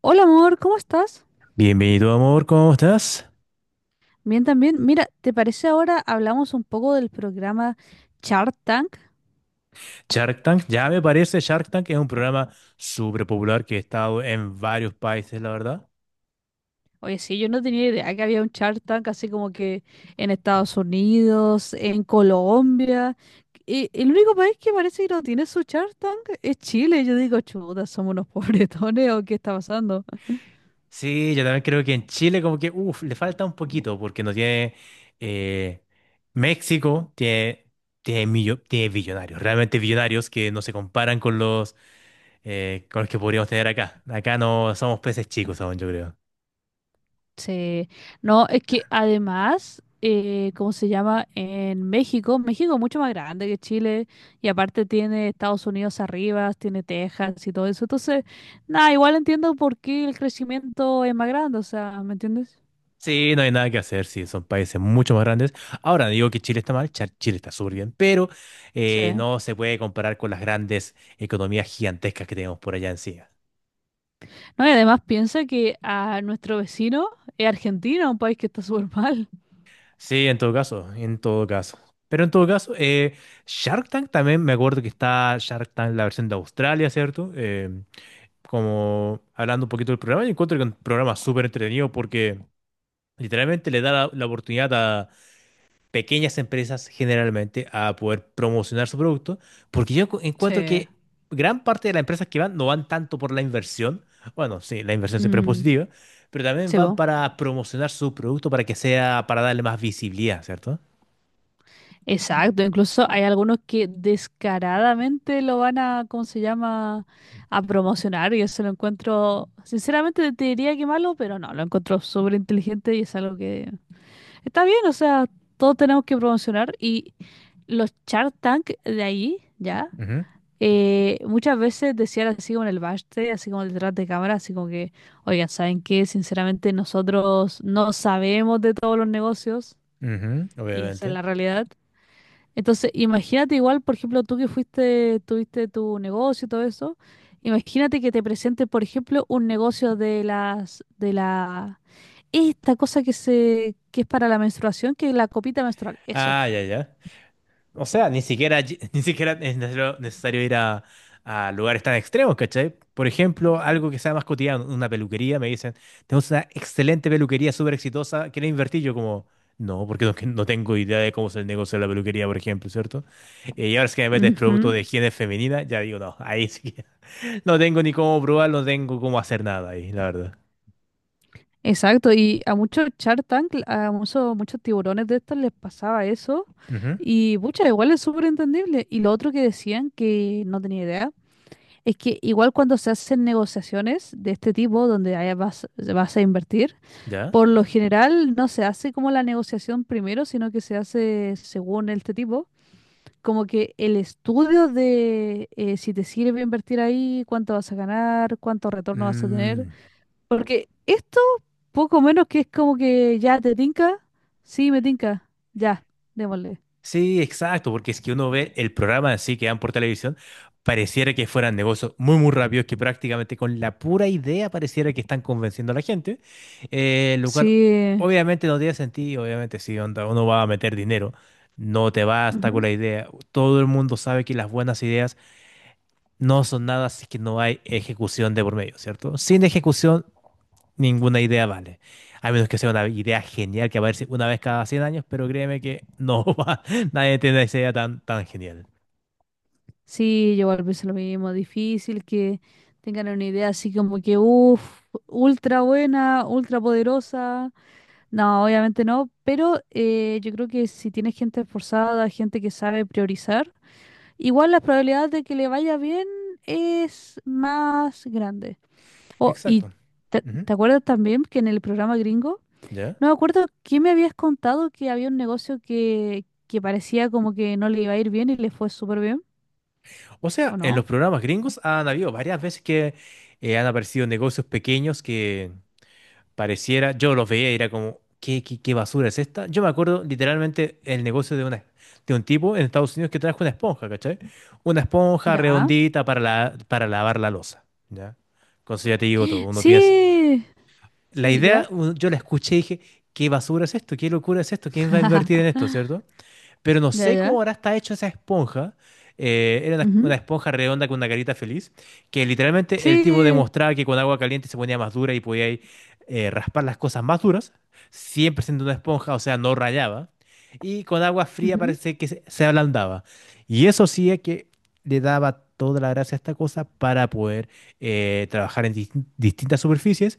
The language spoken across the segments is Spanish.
Hola amor, ¿cómo estás? Bienvenido, amor, ¿cómo estás? Bien también. Mira, ¿te parece ahora hablamos un poco del programa Shark Tank? Shark Tank, ya me parece, Shark Tank es un programa súper popular que ha estado en varios países, la verdad. Oye, sí, yo no tenía idea que había un Shark Tank así como que en Estados Unidos, en Colombia. Y el único país que parece que no tiene su Shark Tank es Chile. Yo digo, chuta, somos unos pobretones o qué está pasando. Sí, yo también creo que en Chile como que, uff, le falta un poquito porque no tiene. eh, México tiene billonarios, realmente billonarios que no se comparan con con los que podríamos tener acá. Acá no somos peces chicos aún, yo creo. Sí. No, es que además, ¿cómo se llama? En México, México es mucho más grande que Chile y aparte tiene Estados Unidos arriba, tiene Texas y todo eso. Entonces, nada, igual entiendo por qué el crecimiento es más grande, o sea, ¿me entiendes? Sí, no hay nada que hacer, sí, son países mucho más grandes. Ahora, no digo que Chile está mal, Chile está súper bien, pero Sí. no se puede comparar con las grandes economías gigantescas que tenemos por allá encima. No, y además piensa que a nuestro vecino es Argentina, un país que está súper mal. Sí, en todo caso, en todo caso. Pero en todo caso, Shark Tank también, me acuerdo que está Shark Tank, la versión de Australia, ¿cierto? Como hablando un poquito del programa, yo encuentro que es un programa súper entretenido porque literalmente le da la oportunidad pequeñas empresas generalmente a poder promocionar su producto, porque yo encuentro Sí. que gran parte de las empresas que van no van tanto por la inversión, bueno, sí, la inversión siempre es Mm, positiva, pero también sí, van po. para promocionar su producto para que sea, para darle más visibilidad, ¿cierto? Exacto, incluso hay algunos que descaradamente lo van a, ¿cómo se llama?, a promocionar y eso lo encuentro, sinceramente te diría que malo, pero no, lo encuentro súper inteligente y es algo que está bien, o sea, todos tenemos que promocionar y los Shark Tank de ahí, ¿ya? Ujú, Muchas veces decían así como en el backstage, así como detrás de cámara, así como que, oigan, ¿saben qué? Sinceramente nosotros no sabemos de todos los negocios ujú. y esa es Obviamente. la realidad. Entonces, imagínate igual, por ejemplo, tú que fuiste, tuviste tu negocio y todo eso, imagínate que te presente, por ejemplo, un negocio de las, de la, esta cosa que se, que es para la menstruación, que es la copita menstrual, eso. Ah, ya, ya. O sea, ni siquiera, ni siquiera es necesario necesario ir a lugares tan extremos, ¿cachai? Por ejemplo, algo que sea más cotidiano, una peluquería, me dicen, tenemos una excelente peluquería súper exitosa, ¿quieres invertir? Yo como, no, porque no, que no tengo idea de cómo es el negocio de la peluquería, por ejemplo, ¿cierto? Y ahora es que me metes producto de Ujú. higiene femenina, ya digo, no, ahí sí que no tengo ni cómo probar, no tengo cómo hacer nada ahí, la verdad. Exacto, y a muchos Shark Tank, a muchos, muchos tiburones de estos les pasaba eso, Ujú, y pucha, igual es súper entendible. Y lo otro que decían, que no tenía idea, es que igual cuando se hacen negociaciones de este tipo, donde ahí vas, vas a invertir, ¿ya? por lo general no se hace como la negociación primero, sino que se hace según este tipo, como que el estudio de si te sirve invertir ahí, cuánto vas a ganar, cuánto retorno vas a tener. Mm. Porque esto, poco menos que es como que ya te tinca, sí, me tinca, ya, démosle. Sí, exacto, porque es que uno ve el programa así que dan por televisión, pareciera que fueran negocios muy, muy rápidos, que prácticamente con la pura idea pareciera que están convenciendo a la gente, lo cual Sí. obviamente no tiene sentido, obviamente si onda, uno va a meter dinero, no te basta con la idea, todo el mundo sabe que las buenas ideas no son nada si es que no hay ejecución de por medio, ¿cierto? Sin ejecución ninguna idea vale. A menos que sea una idea genial que aparece una vez cada 100 años, pero créeme que no va, nadie tiene esa idea tan, tan genial. Sí, yo igual pienso lo mismo, difícil que tengan una idea así como que, uff, ultra buena, ultra poderosa. No, obviamente no, pero yo creo que si tienes gente esforzada, gente que sabe priorizar, igual las probabilidades de que le vaya bien es más grande. Oh, y Exacto. Ujú, ¿te acuerdas también que en el programa gringo, ¿ya? no me acuerdo quién me habías contado que había un negocio que parecía como que no le iba a ir bien y le fue súper bien, O ¿o sea, en los no? programas gringos han habido varias veces que han aparecido negocios pequeños que pareciera, yo los veía y era como, ¿qué basura es esta? Yo me acuerdo literalmente el negocio de un tipo en Estados Unidos que trajo una esponja, ¿cachai? Una esponja Ya. redondita para lavar la loza, ¿ya? Con eso ya te digo todo, uno piensa. Sí, La sí, ya. idea, yo la escuché y dije, ¿qué basura es esto? ¿Qué locura es esto? ¿Quién va a invertir en esto, cierto? Pero no Ya, sé cómo ya. ahora está hecha esa esponja. Era una Ujú. esponja redonda con una carita feliz, que literalmente el tipo Sí, demostraba que con agua caliente se ponía más dura y podía ahí, raspar las cosas más duras, siempre siendo una esponja, o sea, no rayaba, y con agua fría ujú. parece que se ablandaba. Y eso sí es que le daba toda la gracia a esta cosa para poder trabajar en distintas superficies.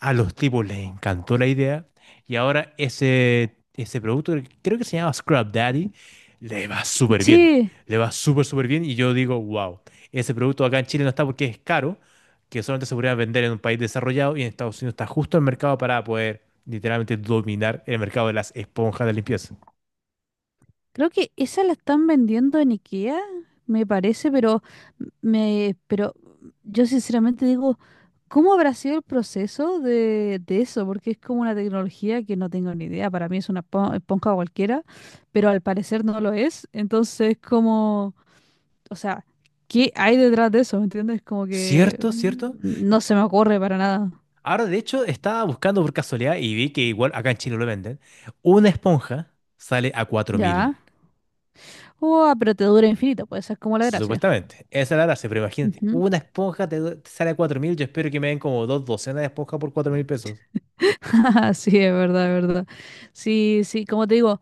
A los tipos les encantó la idea, y ahora ese producto, creo que se llama Scrub Daddy, le va súper bien. Sí. Le va súper, súper bien. Y yo digo, wow, ese producto acá en Chile no está porque es caro, que solamente se podría vender en un país desarrollado y en Estados Unidos está justo el mercado para poder literalmente dominar el mercado de las esponjas de limpieza. Creo que esa la están vendiendo en IKEA, me parece, pero me, pero yo sinceramente digo, ¿cómo habrá sido el proceso de eso? Porque es como una tecnología que no tengo ni idea. Para mí es una esponja cualquiera, pero al parecer no lo es. Entonces, como, o sea, ¿qué hay detrás de eso? ¿Me entiendes? Como que Cierto, cierto. no se me ocurre para nada. Ahora, de hecho, estaba buscando por casualidad y vi que igual acá en Chile lo venden. Una esponja sale a 4.000. Ya. Uah, pero te dura infinito, pues esa es como la gracia. Supuestamente, esa es la gracia, pero imagínate, Ujú. una esponja te sale a 4 mil, yo espero que me den como dos docenas de esponjas por 4.000 pesos. Sí, es verdad, es verdad. Sí, sí, como te digo,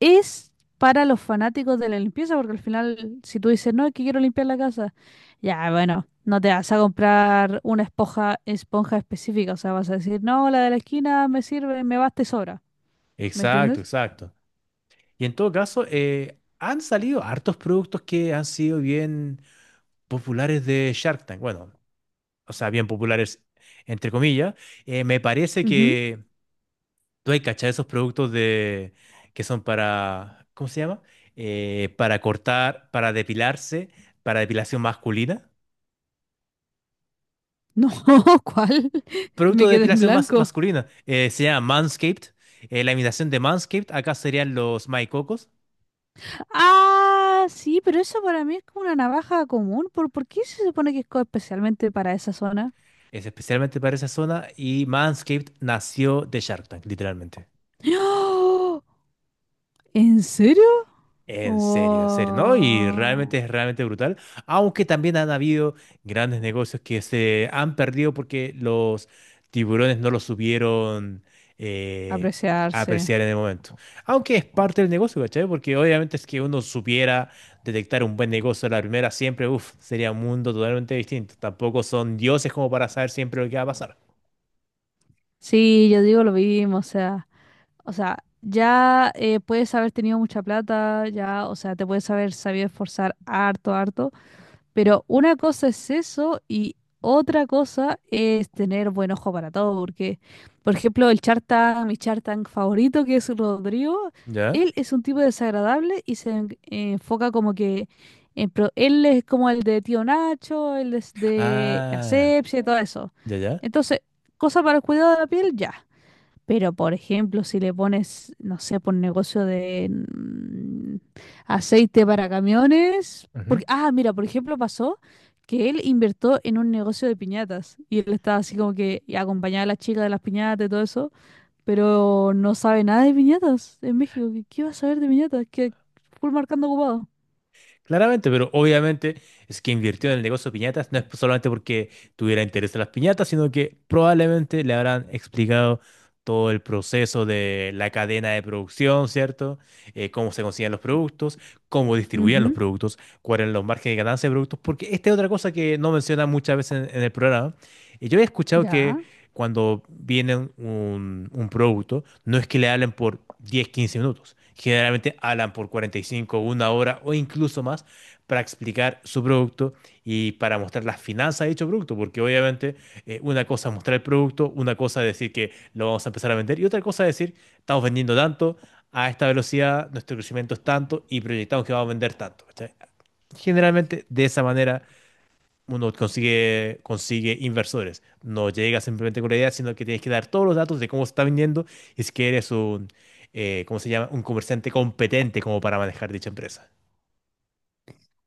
es para los fanáticos de la limpieza, porque al final, si tú dices, no, es que quiero limpiar la casa, ya, bueno, no te vas a comprar una esponja, esponja específica, o sea, vas a decir, no, la de la esquina me sirve, me basta y sobra, ¿me Exacto, entiendes? exacto. Y en todo caso, han salido hartos productos que han sido bien populares de Shark Tank. Bueno, o sea, bien populares, entre comillas. Me parece Ujú. que tú hay cachado esos productos de, que son para, ¿cómo se llama? Para cortar, para depilarse, para depilación masculina. No, ¿cuál? Producto Me de quedé en depilación más blanco. masculina. Se llama Manscaped. La imitación de Manscaped acá serían los maicocos. Ah, sí, pero eso para mí es como una navaja común. Por qué se supone que es especialmente para esa zona? Es especialmente para esa zona. Y Manscaped nació de Shark Tank, literalmente. ¡Oh! ¿En serio? En serio, ¿no? Y Wow, realmente es realmente brutal, aunque también han habido grandes negocios que se han perdido porque los tiburones no los supieron eh, apreciarse. apreciar en el momento. Aunque es parte del negocio, ¿cachai? Porque obviamente es que uno supiera detectar un buen negocio a la primera, siempre, uff, sería un mundo totalmente distinto. Tampoco son dioses como para saber siempre lo que va a pasar. Sí, yo digo lo mismo, o sea, ya puedes haber tenido mucha plata, ya, o sea, te puedes haber sabido esforzar harto, harto. Pero una cosa es eso y otra cosa es tener buen ojo para todo, porque, por ejemplo, el Chartang, mi Chartang favorito, que es Rodrigo, ¿Ya? él es un tipo desagradable y se enfoca como que en él es como el de Tío Nacho, él es de Ah, Asepsia y todo eso. ya, ya. Entonces, cosa para el cuidado de la piel, ya. Pero, por ejemplo, si le pones, no sé, por negocio de aceite para camiones. Porque, ah, mira, por ejemplo, pasó que él invirtió en un negocio de piñatas y él estaba así como que acompañaba a la chica de las piñatas y todo eso, pero no sabe nada de piñatas en México. Qué va a saber de piñatas? Que full marcando ocupado. Claramente, pero obviamente es que invirtió en el negocio de piñatas, no es solamente porque tuviera interés en las piñatas, sino que probablemente le habrán explicado todo el proceso de la cadena de producción, ¿cierto? Cómo se consiguen los productos, cómo distribuían los Ujú, productos, cuáles eran los márgenes de ganancia de productos, porque esta es otra cosa que no mencionan muchas veces en el programa. Y yo he escuchado que ya. cuando vienen un producto, no es que le hablen por 10 15 minutos. Generalmente hablan por 45 una hora o incluso más para explicar su producto y para mostrar las finanzas de dicho producto, porque obviamente una cosa es mostrar el producto, una cosa es decir que lo vamos a empezar a vender y otra cosa es decir, estamos vendiendo tanto, a esta velocidad, nuestro crecimiento es tanto y proyectamos que vamos a vender tanto. ¿Cachai? Generalmente de esa manera uno consigue inversores. No llega simplemente con la idea, sino que tienes que dar todos los datos de cómo se está vendiendo y si que eres un, ¿cómo se llama? Un comerciante competente como para manejar dicha empresa.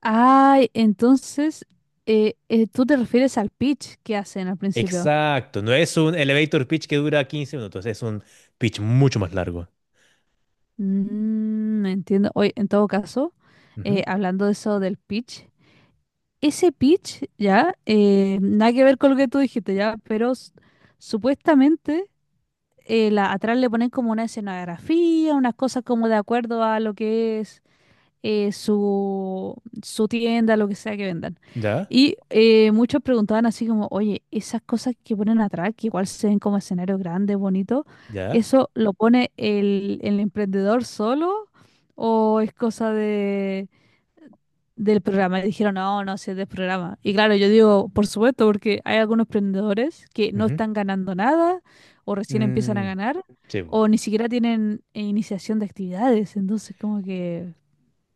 Ay, entonces, tú te refieres al pitch que hacen al principio. Exacto, no es un elevator pitch que dura 15 minutos, es un pitch mucho más largo. Mm, entiendo. Oye, en todo caso, Ujú, hablando de eso del pitch, ese pitch, ya, nada que ver con lo que tú dijiste, ya, pero supuestamente la, atrás le ponen como una escenografía, unas cosas como de acuerdo a lo que es su, su tienda, lo que sea que vendan. ¿ya? Y muchos preguntaban así como, oye, esas cosas que ponen atrás, que igual se ven como escenarios grandes, bonitos, ¿Ya? ¿eso lo pone el emprendedor solo o es cosa de, del programa? Y dijeron, no, no, si es del programa. Y claro, yo digo, por supuesto, porque hay algunos emprendedores que no Ujú, están ganando nada o recién empiezan a mm, ganar sí, o ni siquiera tienen iniciación de actividades. Entonces, como que,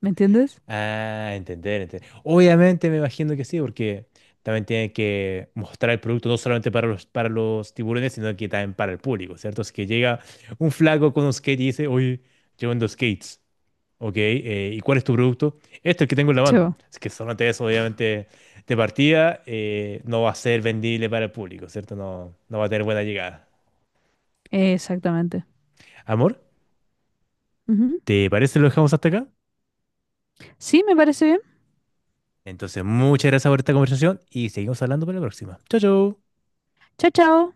¿me entiendes? ah, entender, entender. Obviamente me imagino que sí, porque también tienen que mostrar el producto no solamente para para los tiburones, sino que también para el público, ¿cierto? Es que llega un flaco con un skate y dice, oye, yo vendo skates, ¿ok? ¿Y cuál es tu producto? Este, el que tengo en la Sí, mano. bo. Es que solamente eso, obviamente, de partida no va a ser vendible para el público, ¿cierto? No, no va a tener buena llegada. Exactamente. Amor, Ujú. ¿te parece si lo dejamos hasta acá? Sí, me parece bien. Entonces, muchas gracias por esta conversación y seguimos hablando para la próxima. Chao, chao. Chao, chao.